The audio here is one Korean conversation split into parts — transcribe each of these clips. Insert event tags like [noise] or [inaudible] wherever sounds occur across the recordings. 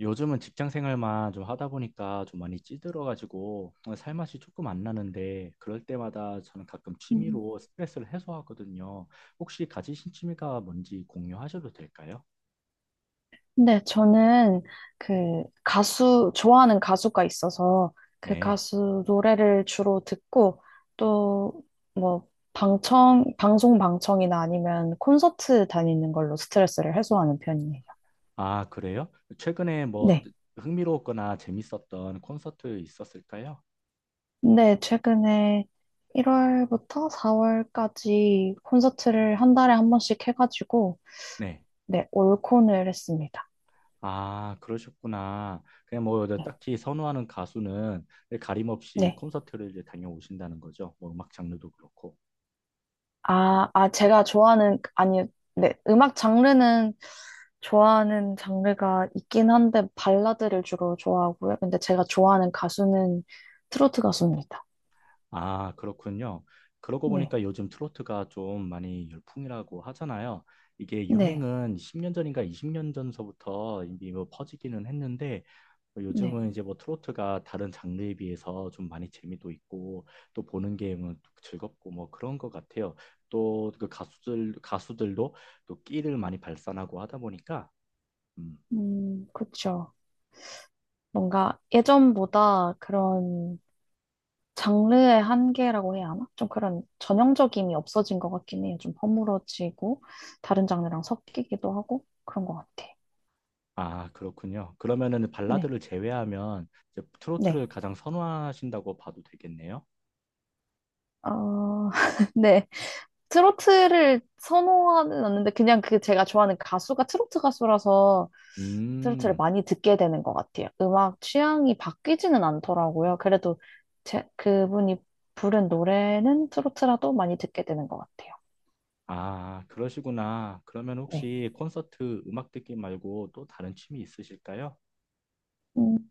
요즘은 직장 생활만 좀 하다 보니까 좀 많이 찌들어가지고 살맛이 조금 안 나는데 그럴 때마다 저는 가끔 음. 취미로 스트레스를 해소하거든요. 혹시 가지신 취미가 뭔지 공유하셔도 될까요? 근데 저는 그 가수, 좋아하는 가수가 있어서 그 네. 가수 노래를 주로 듣고 또 뭐 방송 방청이나 아니면 콘서트 다니는 걸로 스트레스를 해소하는 편이에요. 아, 그래요? 최근에 뭐 네. 흥미로웠거나 재밌었던 콘서트 있었을까요? 근데 최근에 1월부터 4월까지 콘서트를 한 달에 한 번씩 해가지고 네. 네, 올콘을 했습니다. 아, 그러셨구나. 그냥 뭐 딱히 선호하는 가수는 가림 없이 네. 콘서트를 이제 다녀오신다는 거죠. 뭐 음악 장르도 그렇고. 제가 좋아하는, 아니, 네, 음악 장르는 좋아하는 장르가 있긴 한데, 발라드를 주로 좋아하고요. 근데 제가 좋아하는 가수는 트로트 가수입니다. 아, 그렇군요. 그러고 네, 보니까 요즘 트로트가 좀 많이 열풍이라고 하잖아요. 이게 네, 유행은 10년 전인가 20년 전서부터 이미 뭐 퍼지기는 했는데 뭐 네. 요즘은 이제 뭐 트로트가 다른 장르에 비해서 좀 많이 재미도 있고 또 보는 게뭐 즐겁고 뭐 그런 것 같아요. 또 그 가수들도 또 끼를 많이 발산하고 하다 보니까 음, 그쵸. 뭔가 예전보다 그런 장르의 한계라고 해야 하나? 좀 그런 전형적임이 없어진 것 같긴 해요. 좀 허물어지고, 다른 장르랑 섞이기도 하고, 그런 것 같아. 아, 그렇군요. 그러면은 네, 발라드를 제외하면 이제 네. 트로트를 가장 선호하신다고 봐도 되겠네요. 어, [laughs] 네. 트로트를 선호하는 않는데 그냥 그 제가 좋아하는 가수가 트로트 가수라서 트로트를 음, 많이 듣게 되는 것 같아요. 음악 취향이 바뀌지는 않더라고요. 그래도 제, 그분이 부른 노래는 트로트라도 많이 듣게 되는 것 같아요. 아, 그러시구나. 그러면 네. 혹시 콘서트 음악 듣기 말고 또 다른 취미 있으실까요? 음,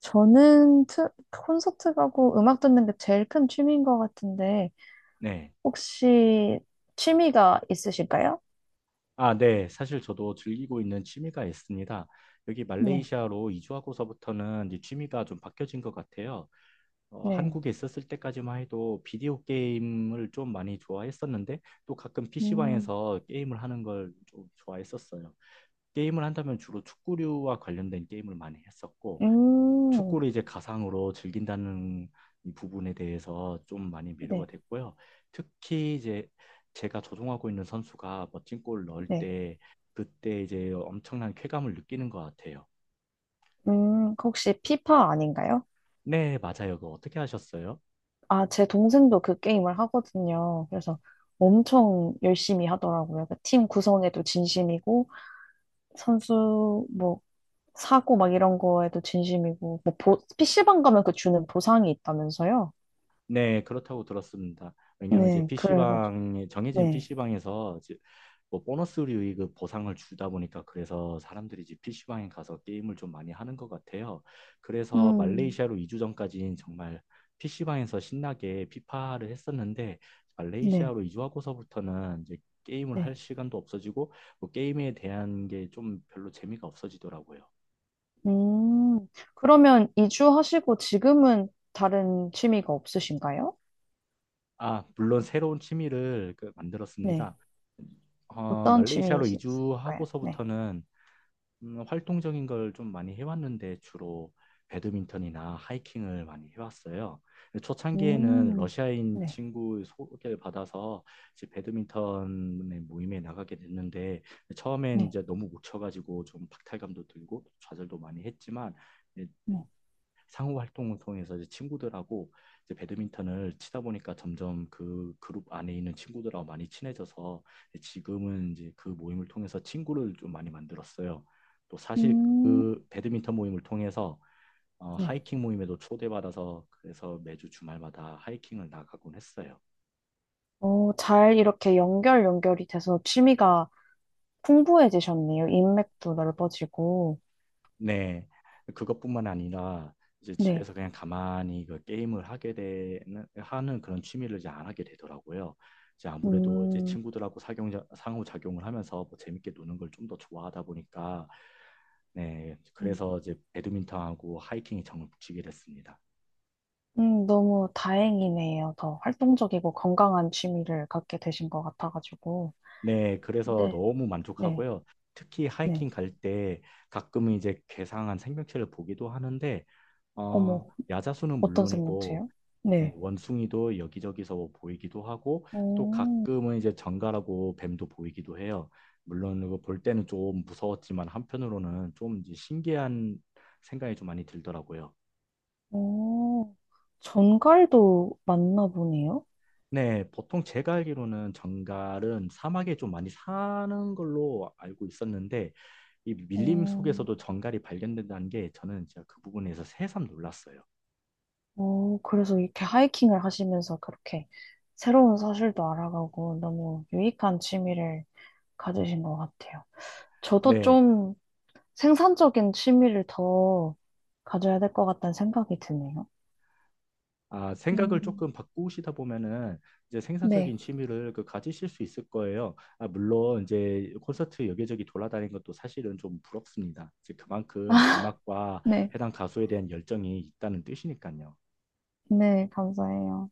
저는 콘서트 가고 음악 듣는 게 제일 큰 취미인 것 같은데 네. 혹시 취미가 있으실까요? 아, 네. 사실 저도 즐기고 있는 취미가 있습니다. 여기 네. 말레이시아로 이주하고서부터는 이제 취미가 좀 바뀌어진 것 같아요. 어, 네. 한국에 있었을 때까지만 해도 비디오 게임을 좀 많이 좋아했었는데 또 가끔 음, PC방에서 게임을 하는 걸 좀 좋아했었어요. 게임을 한다면 주로 축구류와 관련된 게임을 많이 했었고 음, 축구를 이제 가상으로 즐긴다는 이 부분에 대해서 좀 많이 매료가 네. 됐고요. 특히 이제 제가 조종하고 있는 선수가 멋진 골을 넣을 네. 때 그때 이제 엄청난 쾌감을 느끼는 것 같아요. 그 혹시 피파 아닌가요? 네, 맞아요. 그거 어떻게 하셨어요? 아, 제 동생도 그 게임을 하거든요. 그래서 엄청 열심히 하더라고요. 그팀 구성에도 진심이고, 선수 뭐 사고 막 이런 거에도 진심이고, 뭐 PC방 가면 그 주는 보상이 있다면서요? 네, 그렇다고 들었습니다. 왜냐하면 이제 네, 그래가지고. PC방에 정해진 네. PC방에서 뭐 보너스류 그 보상을 주다 보니까 그래서 사람들이 이제 PC방에 가서 게임을 좀 많이 하는 것 같아요. 그래서 음, 말레이시아로 2주 전까지는 정말 PC방에서 신나게 피파를 했었는데 네, 말레이시아로 이주하고서부터는 이제 게임을 할 네. 시간도 없어지고 뭐 게임에 대한 게 좀 별로 재미가 없어지더라고요. 음, 그러면 이주하시고 지금은 다른 취미가 없으신가요? 아, 물론 새로운 취미를 그 네. 만들었습니다. 어, 어떤 말레이시아로 취미이실까요? 네. 이주하고서부터는 활동적인 걸 좀 많이 해왔는데 주로 배드민턴이나 하이킹을 많이 해왔어요. 초창기에는 음, 러시아인 네. 친구 소개를 받아서 이제 배드민턴의 모임에 나가게 됐는데 처음엔 네, 이제 너무 못 쳐가지고 좀 박탈감도 들고 좌절도 많이 했지만 네. 상호 활동을 통해서 이제 친구들하고 이제 배드민턴을 치다 보니까 점점 그 그룹 안에 있는 친구들하고 많이 친해져서 지금은 이제 그 모임을 통해서 친구를 좀 많이 만들었어요. 또 사실 음, 그 배드민턴 모임을 통해서 어, 네. 하이킹 모임에도 초대받아서 그래서 매주 주말마다 하이킹을 나가곤 했어요. 어, 잘 이렇게 연결이 돼서 취미가 풍부해지셨네요. 인맥도 넓어지고. 네, 그것뿐만 아니라 이제 네. 집에서 그냥 가만히 그 게임을 하게 되는 하는 그런 취미를 이제 안 하게 되더라고요. 이제 아무래도 이제 음, 친구들하고 상호작용을 하면서 뭐 재밌게 노는 걸 좀 더 좋아하다 보니까 네, 음, 그래서 이제 배드민턴하고 하이킹이 정을 붙이게 됐습니다. 너무 다행이네요. 더 활동적이고 건강한 취미를 갖게 되신 것 같아가지고. 네, 그래서 네, 너무 네, 만족하고요. 특히 하이킹 네. 갈 때 가끔은 이제 괴상한 생명체를 보기도 하는데 어, 어머, 야자수는 어떤 물론이고 생명체요? 예, 네. 원숭이도 여기저기서 보이기도 하고 또 오, 가끔은 이제 정갈하고 뱀도 보이기도 해요. 물론 이거 볼 때는 좀 무서웠지만 한편으로는 좀 이제 신기한 생각이 좀 많이 들더라고요. 오, 전갈도 맞나 보네요. 네, 보통 제가 알기로는 정갈은 사막에 좀 많이 사는 걸로 알고 있었는데 이 밀림 오, 속에서도 정갈이 발견된다는 게 저는 진짜 그 부분에서 새삼 놀랐어요. 어, 그래서 이렇게 하이킹을 하시면서 그렇게 새로운 사실도 알아가고 너무 유익한 취미를 가지신 것 같아요. 저도 네, 좀 생산적인 취미를 더 가져야 될 것 같다는 생각이 드네요. 아, 생각을 음, 조금 바꾸시다 보면은 이제 생산적인 네, 취미를 그 가지실 수 있을 거예요. 아, 물론 이제 콘서트 여기저기 돌아다니는 것도 사실은 좀 부럽습니다. 이제 그만큼 음악과 네, 해당 가수에 대한 열정이 있다는 뜻이니까요. 네, 감사해요.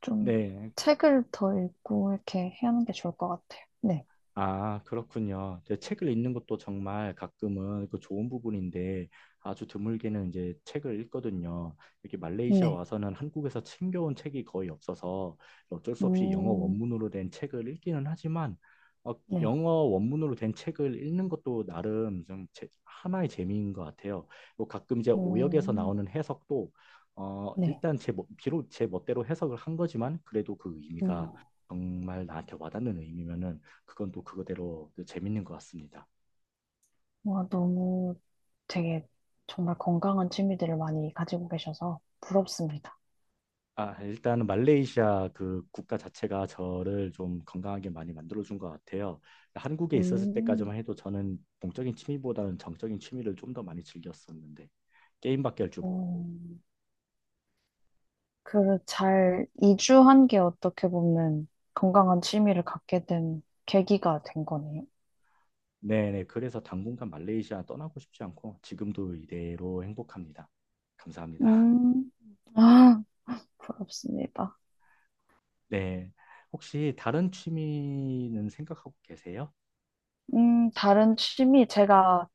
좀 네. 책을 더 읽고 이렇게 해야 하는 게 좋을 것 같아요. 네, 아, 그렇군요. 이제 책을 읽는 것도 정말 가끔은 그 좋은 부분인데 아주 드물게는 이제 책을 읽거든요. 여기 말레이시아 네, 와서는 한국에서 챙겨온 책이 거의 없어서 어쩔 수 없이 영어 음, 원문으로 된 책을 읽기는 하지만 어, 네, 영어 원문으로 된 책을 읽는 것도 나름 좀 하나의 재미인 것 같아요. 뭐 가끔 이제 오역에서 음, 나오는 해석도 어, 네, 일단 비록 제 멋대로 해석을 한 거지만 그래도 그 의미가 음. 정말 나한테 와닿는 의미면은 그건 또 그거대로 또 재밌는 것 같습니다. 와, 너무 되게 정말 건강한 취미들을 많이 가지고 계셔서 부럽습니다. 아, 일단은 말레이시아 그 국가 자체가 저를 좀 건강하게 많이 만들어준 것 같아요. 한국에 있었을 음, 때까지만 해도 저는 동적인 취미보다는 정적인 취미를 좀 더 많이 즐겼었는데 게임밖에 할 줄 모르고. 음, 그 잘 이주한 게 어떻게 보면 건강한 취미를 갖게 된 계기가 된 거네요. 네네. 그래서 당분간 말레이시아 떠나고 싶지 않고 지금도 이대로 행복합니다. 감사합니다. 음, 아, 부럽습니다. [laughs] 네. 혹시 다른 취미는 생각하고 계세요? 다른 취미, 제가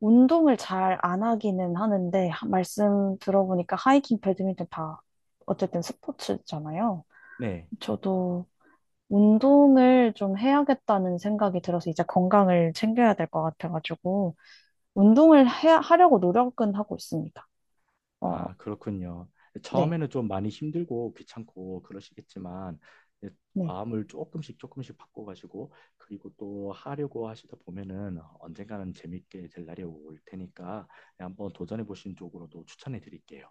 운동을 잘 안 하기는 하는데, 말씀 들어보니까 하이킹, 배드민턴 다 어쨌든 스포츠잖아요. 네. 저도 운동을 좀 해야겠다는 생각이 들어서 이제 건강을 챙겨야 될 것 같아가지고 하려고 노력은 하고 있습니다. 어, 아, 그렇군요. 네, 처음에는 좀 많이 힘들고 귀찮고 그러시겠지만 이제 네, 마음을 조금씩 조금씩 바꿔가지고 그리고 또 하려고 하시다 보면은 언젠가는 재밌게 될 날이 올 테니까 한번 도전해 보신 쪽으로도 추천해 드릴게요.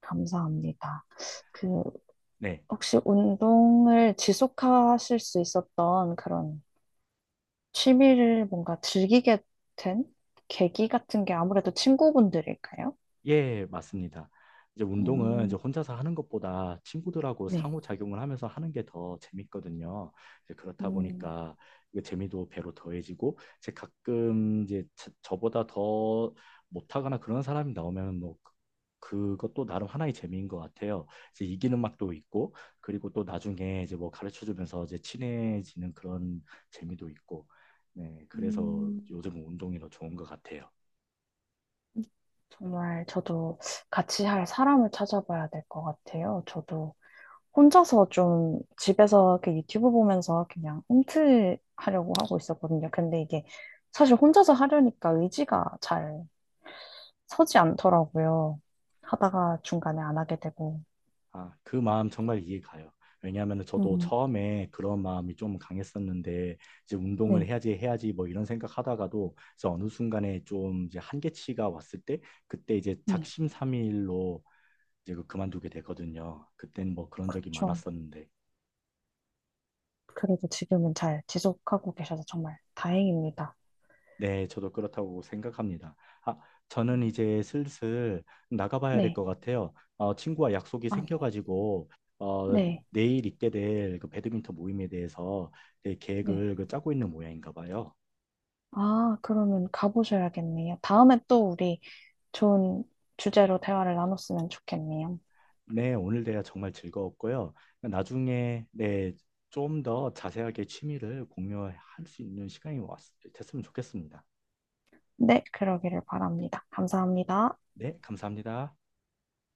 감사합니다. 그 네. 혹시 운동을 지속하실 수 있었던 그런 취미를 뭔가 즐기게 된 계기 같은 게 아무래도 친구분들일까요? 예, 맞습니다. 이제 운동은 이제 음, 혼자서 하는 것보다 친구들하고 네, 상호작용을 하면서 하는 게 더 재밌거든요. 이제 그렇다 음, 보니까 그 재미도 배로 더해지고, 제 가끔 이제 저보다 더 못하거나 그런 사람이 나오면 뭐 그것도 나름 하나의 재미인 것 같아요. 이제 이기는 맛도 있고, 그리고 또 나중에 이제 뭐 가르쳐 주면서 이제 친해지는 그런 재미도 있고, 네, 그래서 음. 요즘 운동이 더 좋은 것 같아요. 정말 저도 같이 할 사람을 찾아봐야 될 것 같아요. 저도 혼자서 좀 집에서 이렇게 유튜브 보면서 그냥 움트하려고 하고 있었거든요. 근데 이게 사실 혼자서 하려니까 의지가 잘 서지 않더라고요. 하다가 중간에 안 하게 되고. 아, 그 마음 정말 이해가요. 왜냐하면 저도 음, 처음에 그런 마음이 좀 강했었는데 이제 운동을 네, 해야지 해야지 뭐 이런 생각하다가도 이제 어느 순간에 좀 이제 한계치가 왔을 때 그때 이제 네. 작심삼일로 이제 그만두게 되거든요. 그땐 뭐 그런 적이 그렇죠. 많았었는데 그래도 지금은 잘 지속하고 계셔서 정말 다행입니다. 네, 저도 그렇다고 생각합니다. 아, 음, 저는 이제 슬슬 나가봐야 될 네. 것 같아요. 어, 친구와 약속이 아, 생겨가지고 어, 네, 네. 내일 있게 될 그 배드민턴 모임에 대해서 네, 네. 계획을 그 짜고 있는 모양인가 봐요. 아, 그러면 가보셔야겠네요. 다음에 또 우리 좋은 주제로 대화를 나눴으면 좋겠네요. 네, 오늘 대화 정말 즐거웠고요. 나중에 네, 좀 더 자세하게 취미를 공유할 수 있는 시간이 됐으면 좋겠습니다. 네, 그러기를 바랍니다. 감사합니다. 네, 감사합니다.